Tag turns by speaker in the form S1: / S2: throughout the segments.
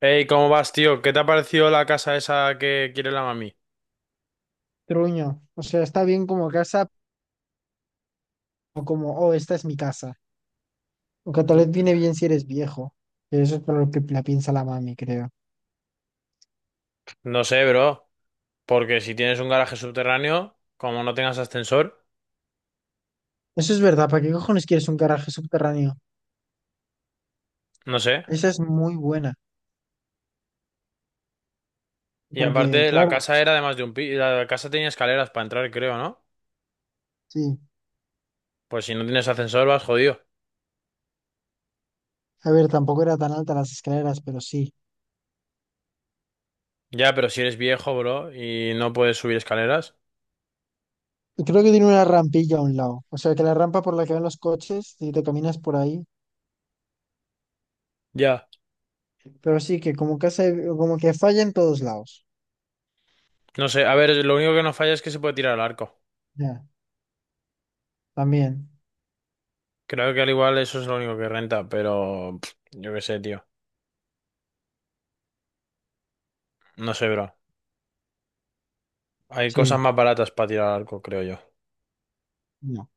S1: Hey, ¿cómo vas, tío? ¿Qué te ha parecido la casa esa que quiere la mami?
S2: Truño. O sea, está bien como casa o como, oh, esta es mi casa. Aunque tal vez
S1: Mm.
S2: viene bien si eres viejo. Que eso es por lo que la piensa la mami, creo.
S1: No sé, bro. Porque si tienes un garaje subterráneo, como no tengas ascensor,
S2: Eso es verdad. ¿Para qué cojones quieres un garaje subterráneo?
S1: no sé.
S2: Esa es muy buena.
S1: Y
S2: Porque,
S1: aparte, la
S2: claro,
S1: casa era además de un piso. La casa tenía escaleras para entrar, creo, ¿no?
S2: sí.
S1: Pues si no tienes ascensor, vas jodido.
S2: A ver, tampoco era tan alta las escaleras, pero sí.
S1: Ya, pero si eres viejo, bro, y no puedes subir escaleras.
S2: Y creo que tiene una rampilla a un lado. O sea, que la rampa por la que van los coches, si te caminas por ahí.
S1: Ya.
S2: Pero sí, que como casa, como que falla en todos lados.
S1: No sé, a ver, lo único que no falla es que se puede tirar al arco.
S2: Ya, también.
S1: Creo que al igual eso es lo único que renta, pero pff, yo qué sé, tío. No sé, bro. Hay cosas
S2: Sí.
S1: más baratas para tirar al arco, creo yo.
S2: No.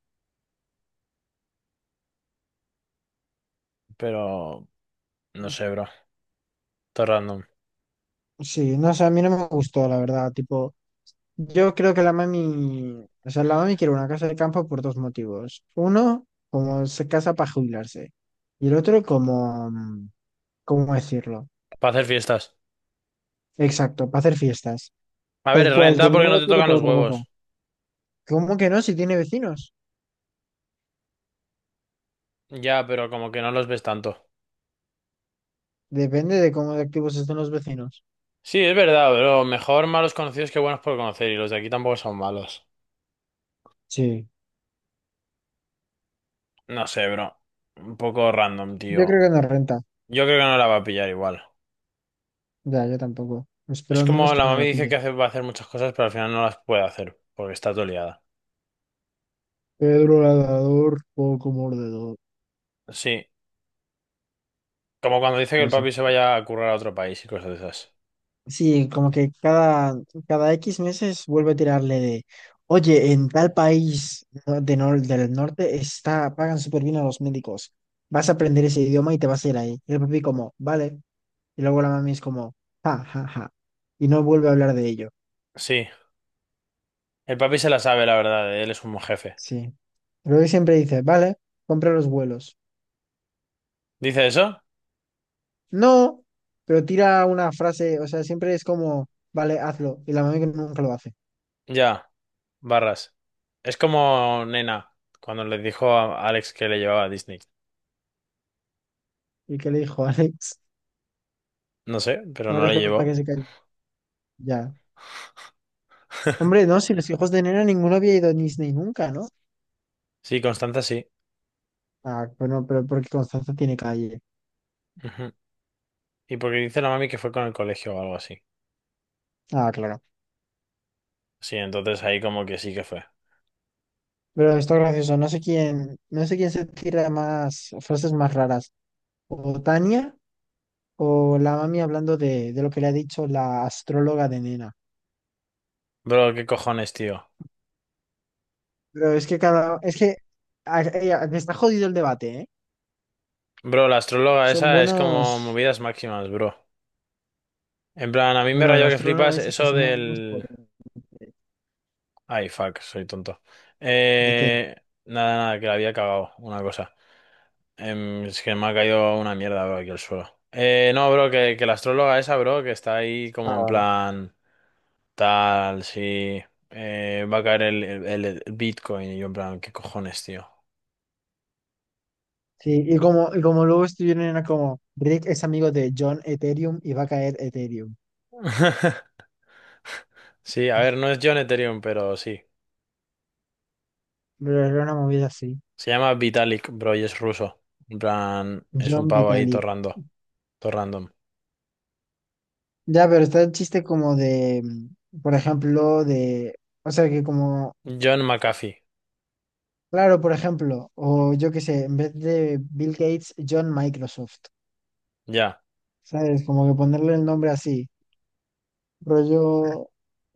S1: Pero no sé, bro. Todo random.
S2: Sí, no sé, a mí no me gustó, la verdad. Tipo, yo creo que la mami, o sea, la mami quiere una casa de campo por dos motivos. Uno, como se casa para jubilarse. Y el otro, como, ¿cómo decirlo?
S1: Para hacer fiestas.
S2: Exacto, para hacer fiestas.
S1: A ver,
S2: Tal cual, que
S1: renta
S2: no
S1: porque no
S2: lo
S1: te
S2: quiere
S1: tocan
S2: por
S1: los
S2: otra cosa.
S1: huevos.
S2: ¿Cómo que no? Si tiene vecinos.
S1: Ya, pero como que no los ves tanto.
S2: Depende de cómo de activos estén los vecinos.
S1: Sí, es verdad, bro. Mejor malos conocidos que buenos por conocer. Y los de aquí tampoco son malos.
S2: Sí.
S1: No sé, bro. Un poco random,
S2: Yo
S1: tío.
S2: creo que no renta.
S1: Yo creo que no la va a pillar igual.
S2: Ya, yo tampoco. Espero
S1: Es
S2: al menos
S1: como la
S2: que no
S1: mami
S2: la
S1: dice
S2: pille.
S1: que va a hacer muchas cosas, pero al final no las puede hacer. Porque está todo liada.
S2: Pedro Ladrador, poco mordedor.
S1: Sí. Como cuando dice que el papi se vaya a currar a otro país y cosas de esas.
S2: Sí, como que cada X meses vuelve a tirarle de, oye, en tal país no- de nor- del norte está, pagan súper bien a los médicos. Vas a aprender ese idioma y te vas a ir ahí. Y el papi como, vale. Y luego la mami es como, ja, ja, ja. Y no vuelve a hablar de ello.
S1: Sí. El papi se la sabe, la verdad. Él es un jefe.
S2: Sí. Pero él siempre dice, vale, compra los vuelos.
S1: ¿Dice eso?
S2: No, pero tira una frase, o sea, siempre es como, vale, hazlo. Y la mami que nunca lo hace.
S1: Ya. Barras. Es como Nena, cuando le dijo a Alex que le llevaba a Disney.
S2: Y qué le dijo, Alex,
S1: No sé, pero no
S2: ahora
S1: le
S2: solo para que
S1: llevó.
S2: se calle. Ya. Hombre, no, si los hijos de Nena ninguno había ido a Disney nunca, ¿no?
S1: Sí, Constanza sí.
S2: Ah, bueno, pero porque Constanza tiene calle.
S1: Ujú. Y porque dice la mami que fue con el colegio o algo así.
S2: Ah, claro.
S1: Sí, entonces ahí como que sí que fue.
S2: Pero esto es gracioso, no sé quién se tira más frases más raras. O Tania o la mami hablando de lo que le ha dicho la astróloga de Nena.
S1: Bro, qué cojones, tío.
S2: Pero es que me está jodido el debate, ¿eh?
S1: Bro, la astróloga
S2: Son
S1: esa es como
S2: buenos.
S1: movidas máximas, bro. En plan, a mí me
S2: Bro, la
S1: rayó que
S2: astróloga
S1: flipas
S2: esa se
S1: eso
S2: fuma unos por...
S1: del... Ay, fuck, soy tonto.
S2: ¿De qué?
S1: Eh... Nada, nada, que la había cagado, una cosa. Es que me ha caído una mierda, bro, aquí al suelo. No, bro, que la astróloga esa, bro, que está ahí como en
S2: Ahora.
S1: plan tal, sí, va a caer el Bitcoin. Y yo en plan, ¿qué cojones, tío?
S2: Sí, y como luego estuvieron era como Rick es amigo de John Ethereum y va a caer Ethereum.
S1: Sí, a ver, no es John Ethereum, pero sí.
S2: Pero era una movida así.
S1: Se llama Vitalik, bro, y es ruso. En plan, es un
S2: John
S1: pavo ahí
S2: Vitalik.
S1: torrando, random. Todo random.
S2: Ya, pero está el chiste como de, por ejemplo, de, o sea que como,
S1: John McAfee,
S2: claro, por ejemplo, o yo qué sé, en vez de Bill Gates, John Microsoft.
S1: ya.
S2: ¿Sabes? Como que ponerle el nombre así. Rollo,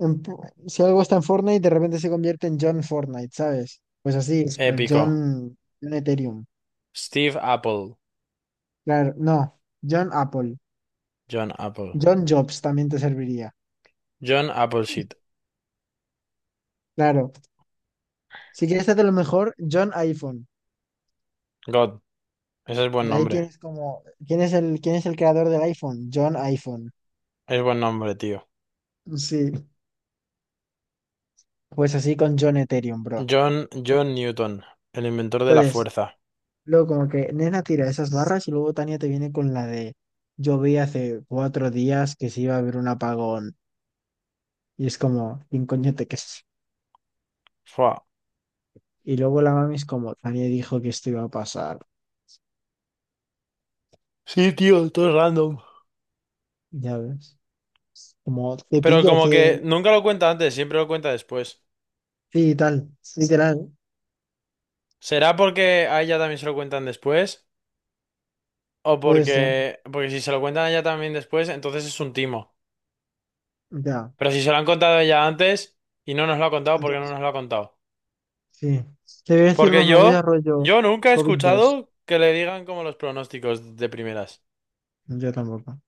S2: en po- si algo está en Fortnite, de repente se convierte en John Fortnite, ¿sabes? Pues así, John,
S1: Épico.
S2: John Ethereum.
S1: Steve Apple,
S2: Claro, no, John Apple.
S1: John Apple.
S2: John Jobs también te serviría.
S1: John Appleseed,
S2: Claro, si quieres hacer lo mejor, John iPhone.
S1: God, ese es buen
S2: De ahí
S1: nombre.
S2: tienes como, ¿quién es el creador del iPhone? John iPhone.
S1: Es buen nombre, tío.
S2: Sí, pues así con John Ethereum, bro.
S1: John, John Newton, el inventor de la
S2: Entonces,
S1: fuerza.
S2: luego como que Nena tira esas barras y luego Tania te viene con la de, yo vi hace 4 días que se iba a haber un apagón. Y es como, ¿quién coño te crees?
S1: Fua.
S2: Y luego la mami es como, Tania dijo que esto iba a pasar.
S1: Sí, tío, todo es random.
S2: Ya ves. Como, te
S1: Pero
S2: pillo
S1: como que
S2: que
S1: nunca lo cuenta antes, siempre lo cuenta después.
S2: sí, tal, literal,
S1: ¿Será porque a ella también se lo cuentan después? ¿O
S2: puede
S1: porque...
S2: ser.
S1: Porque si se lo cuentan a ella también después, entonces es un timo.
S2: Ya,
S1: Pero si se lo han contado a ella antes y no nos lo ha contado, ¿por qué no
S2: entonces,
S1: nos lo ha contado?
S2: sí. Te voy a decir
S1: Porque
S2: dos movidas
S1: yo,
S2: rollo
S1: yo nunca he
S2: covid dos.
S1: escuchado que le digan como los pronósticos de primeras.
S2: Yo tampoco.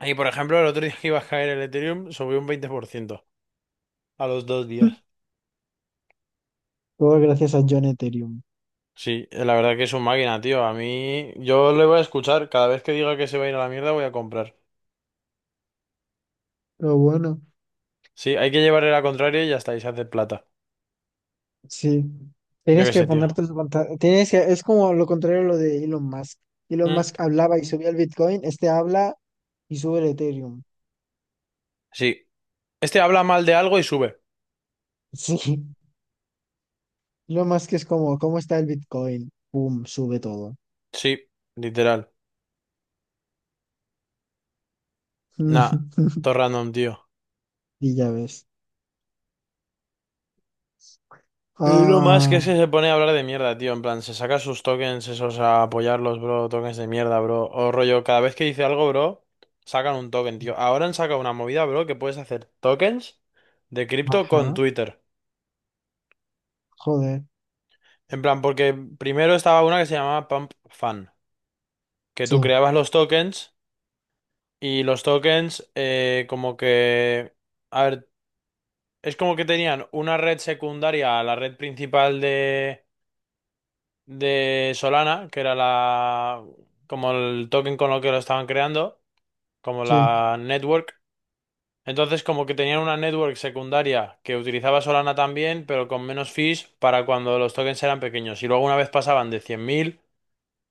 S1: Y por ejemplo, el otro día que iba a caer el Ethereum, subió un 20% a los 2 días.
S2: Todo gracias a John Ethereum.
S1: Sí, la verdad que es un máquina, tío. A mí, yo le voy a escuchar. Cada vez que diga que se va a ir a la mierda, voy a comprar.
S2: Pero bueno,
S1: Sí, hay que llevarle la contraria y ya está, y se hace plata.
S2: sí.
S1: Yo
S2: Tienes
S1: qué
S2: que
S1: sé, tío.
S2: ponerte su pantalón. Es como lo contrario a lo de Elon Musk. Elon
S1: Mm,
S2: Musk hablaba y subía el Bitcoin, este habla y sube el Ethereum.
S1: sí. Este habla mal de algo y sube.
S2: Sí. Elon Musk es como, ¿cómo está el Bitcoin? Pum, sube todo.
S1: Sí, literal. Nah, todo random, tío.
S2: Y ya ves.
S1: Y lo más que es
S2: Ah,
S1: que se pone a hablar de mierda, tío. En plan, se saca sus tokens esos a apoyarlos, bro. Tokens de mierda, bro. O rollo, cada vez que dice algo, bro, sacan un token, tío. Ahora han sacado una movida, bro, que puedes hacer tokens de cripto con
S2: ajá.
S1: Twitter.
S2: Joder,
S1: En plan, porque primero estaba una que se llamaba Pump Fun, que
S2: sí,
S1: tú creabas los tokens y los tokens como que... A ver, es como que tenían una red secundaria a la red principal de Solana, que era la... Como el token con lo que lo estaban creando, como
S2: sí,
S1: la network. Entonces como que tenían una network secundaria que utilizaba Solana también, pero con menos fees para cuando los tokens eran pequeños. Y luego una vez pasaban de 100.000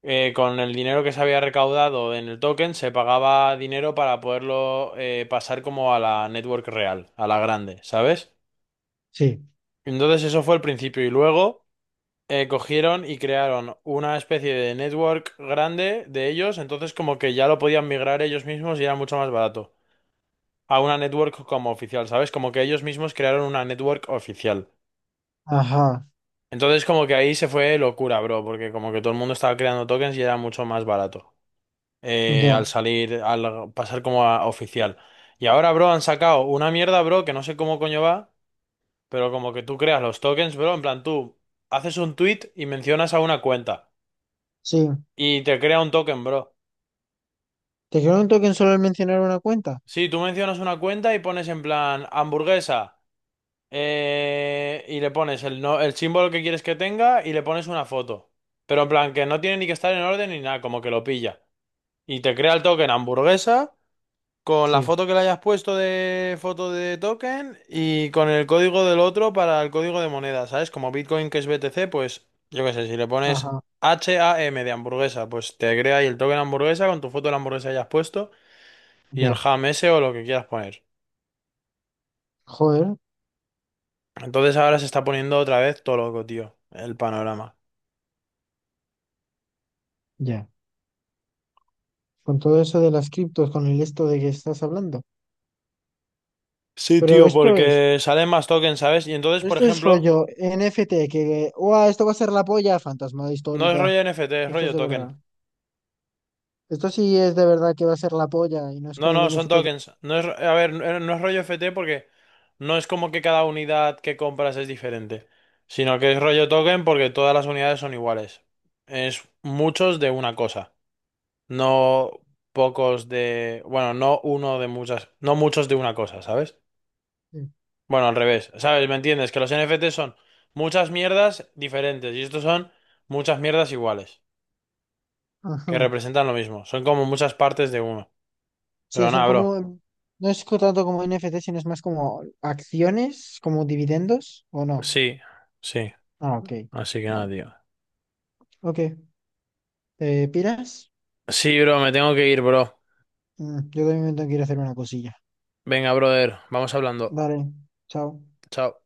S1: con el dinero que se había recaudado en el token, se pagaba dinero para poderlo pasar como a la network real, a la grande, ¿sabes?
S2: sí.
S1: Entonces eso fue el principio y luego cogieron y crearon una especie de network grande de ellos, entonces como que ya lo podían migrar ellos mismos y era mucho más barato a una network como oficial, ¿sabes? Como que ellos mismos crearon una network oficial.
S2: Ajá,
S1: Entonces como que ahí se fue locura, bro, porque como que todo el mundo estaba creando tokens y era mucho más barato al
S2: ya,
S1: salir, al pasar como a oficial. Y ahora, bro, han sacado una mierda, bro, que no sé cómo coño va, pero como que tú creas los tokens, bro, en plan tú haces un tweet y mencionas a una cuenta
S2: sí.
S1: y te crea un token, bro.
S2: ¿Te quedó un token solo al mencionar una cuenta?
S1: Sí, tú mencionas una cuenta y pones en plan hamburguesa y le pones el, no, el símbolo que quieres que tenga y le pones una foto. Pero en plan que no tiene ni que estar en orden ni nada, como que lo pilla. Y te crea el token hamburguesa. Con la
S2: Sí,
S1: foto que le hayas puesto de foto de token y con el código del otro para el código de moneda, ¿sabes? Como Bitcoin que es BTC, pues yo qué sé, si le pones
S2: ajá,
S1: HAM de hamburguesa, pues te crea ahí el token hamburguesa con tu foto de la hamburguesa que hayas puesto y el
S2: ya.
S1: ham ese o lo que quieras poner.
S2: Joder,
S1: Entonces ahora se está poniendo otra vez todo loco, tío, el panorama.
S2: ya. Con todo eso de las criptos, con el esto de que estás hablando.
S1: Sí,
S2: Pero
S1: tío,
S2: esto es,
S1: porque salen más tokens, ¿sabes? Y entonces, por
S2: esto es
S1: ejemplo,
S2: rollo NFT, que, ¡guau! Esto va a ser la polla, fantasma
S1: no es
S2: histórica.
S1: rollo NFT, es
S2: Esto es
S1: rollo
S2: de
S1: token.
S2: verdad. Esto sí es de verdad que va a ser la polla y no es
S1: No,
S2: como el
S1: no, son
S2: NFT que...
S1: tokens. No es, a ver, no es rollo FT porque no es como que cada unidad que compras es diferente, sino que es
S2: Ya.
S1: rollo token porque todas las unidades son iguales. Es muchos de una cosa, no pocos de, bueno, no uno de muchas, no muchos de una cosa, ¿sabes?
S2: Sí.
S1: Bueno, al revés, ¿sabes? ¿Me entiendes? Que los NFT son muchas mierdas diferentes y estos son muchas mierdas iguales, que
S2: Ajá.
S1: representan lo mismo. Son como muchas partes de uno. Pero
S2: Sí, son
S1: nada, bro.
S2: como, no es co- tanto como NFT, sino es más como acciones, como dividendos, ¿o no?
S1: Sí, sí.
S2: Ah, ok,
S1: Así que nada,
S2: vale.
S1: tío.
S2: Ok, ¿te piras?
S1: Sí, bro, me tengo que ir, bro.
S2: Yo también me tengo que ir a hacer una cosilla.
S1: Venga, brother, vamos hablando.
S2: Vale, chao.
S1: Chao.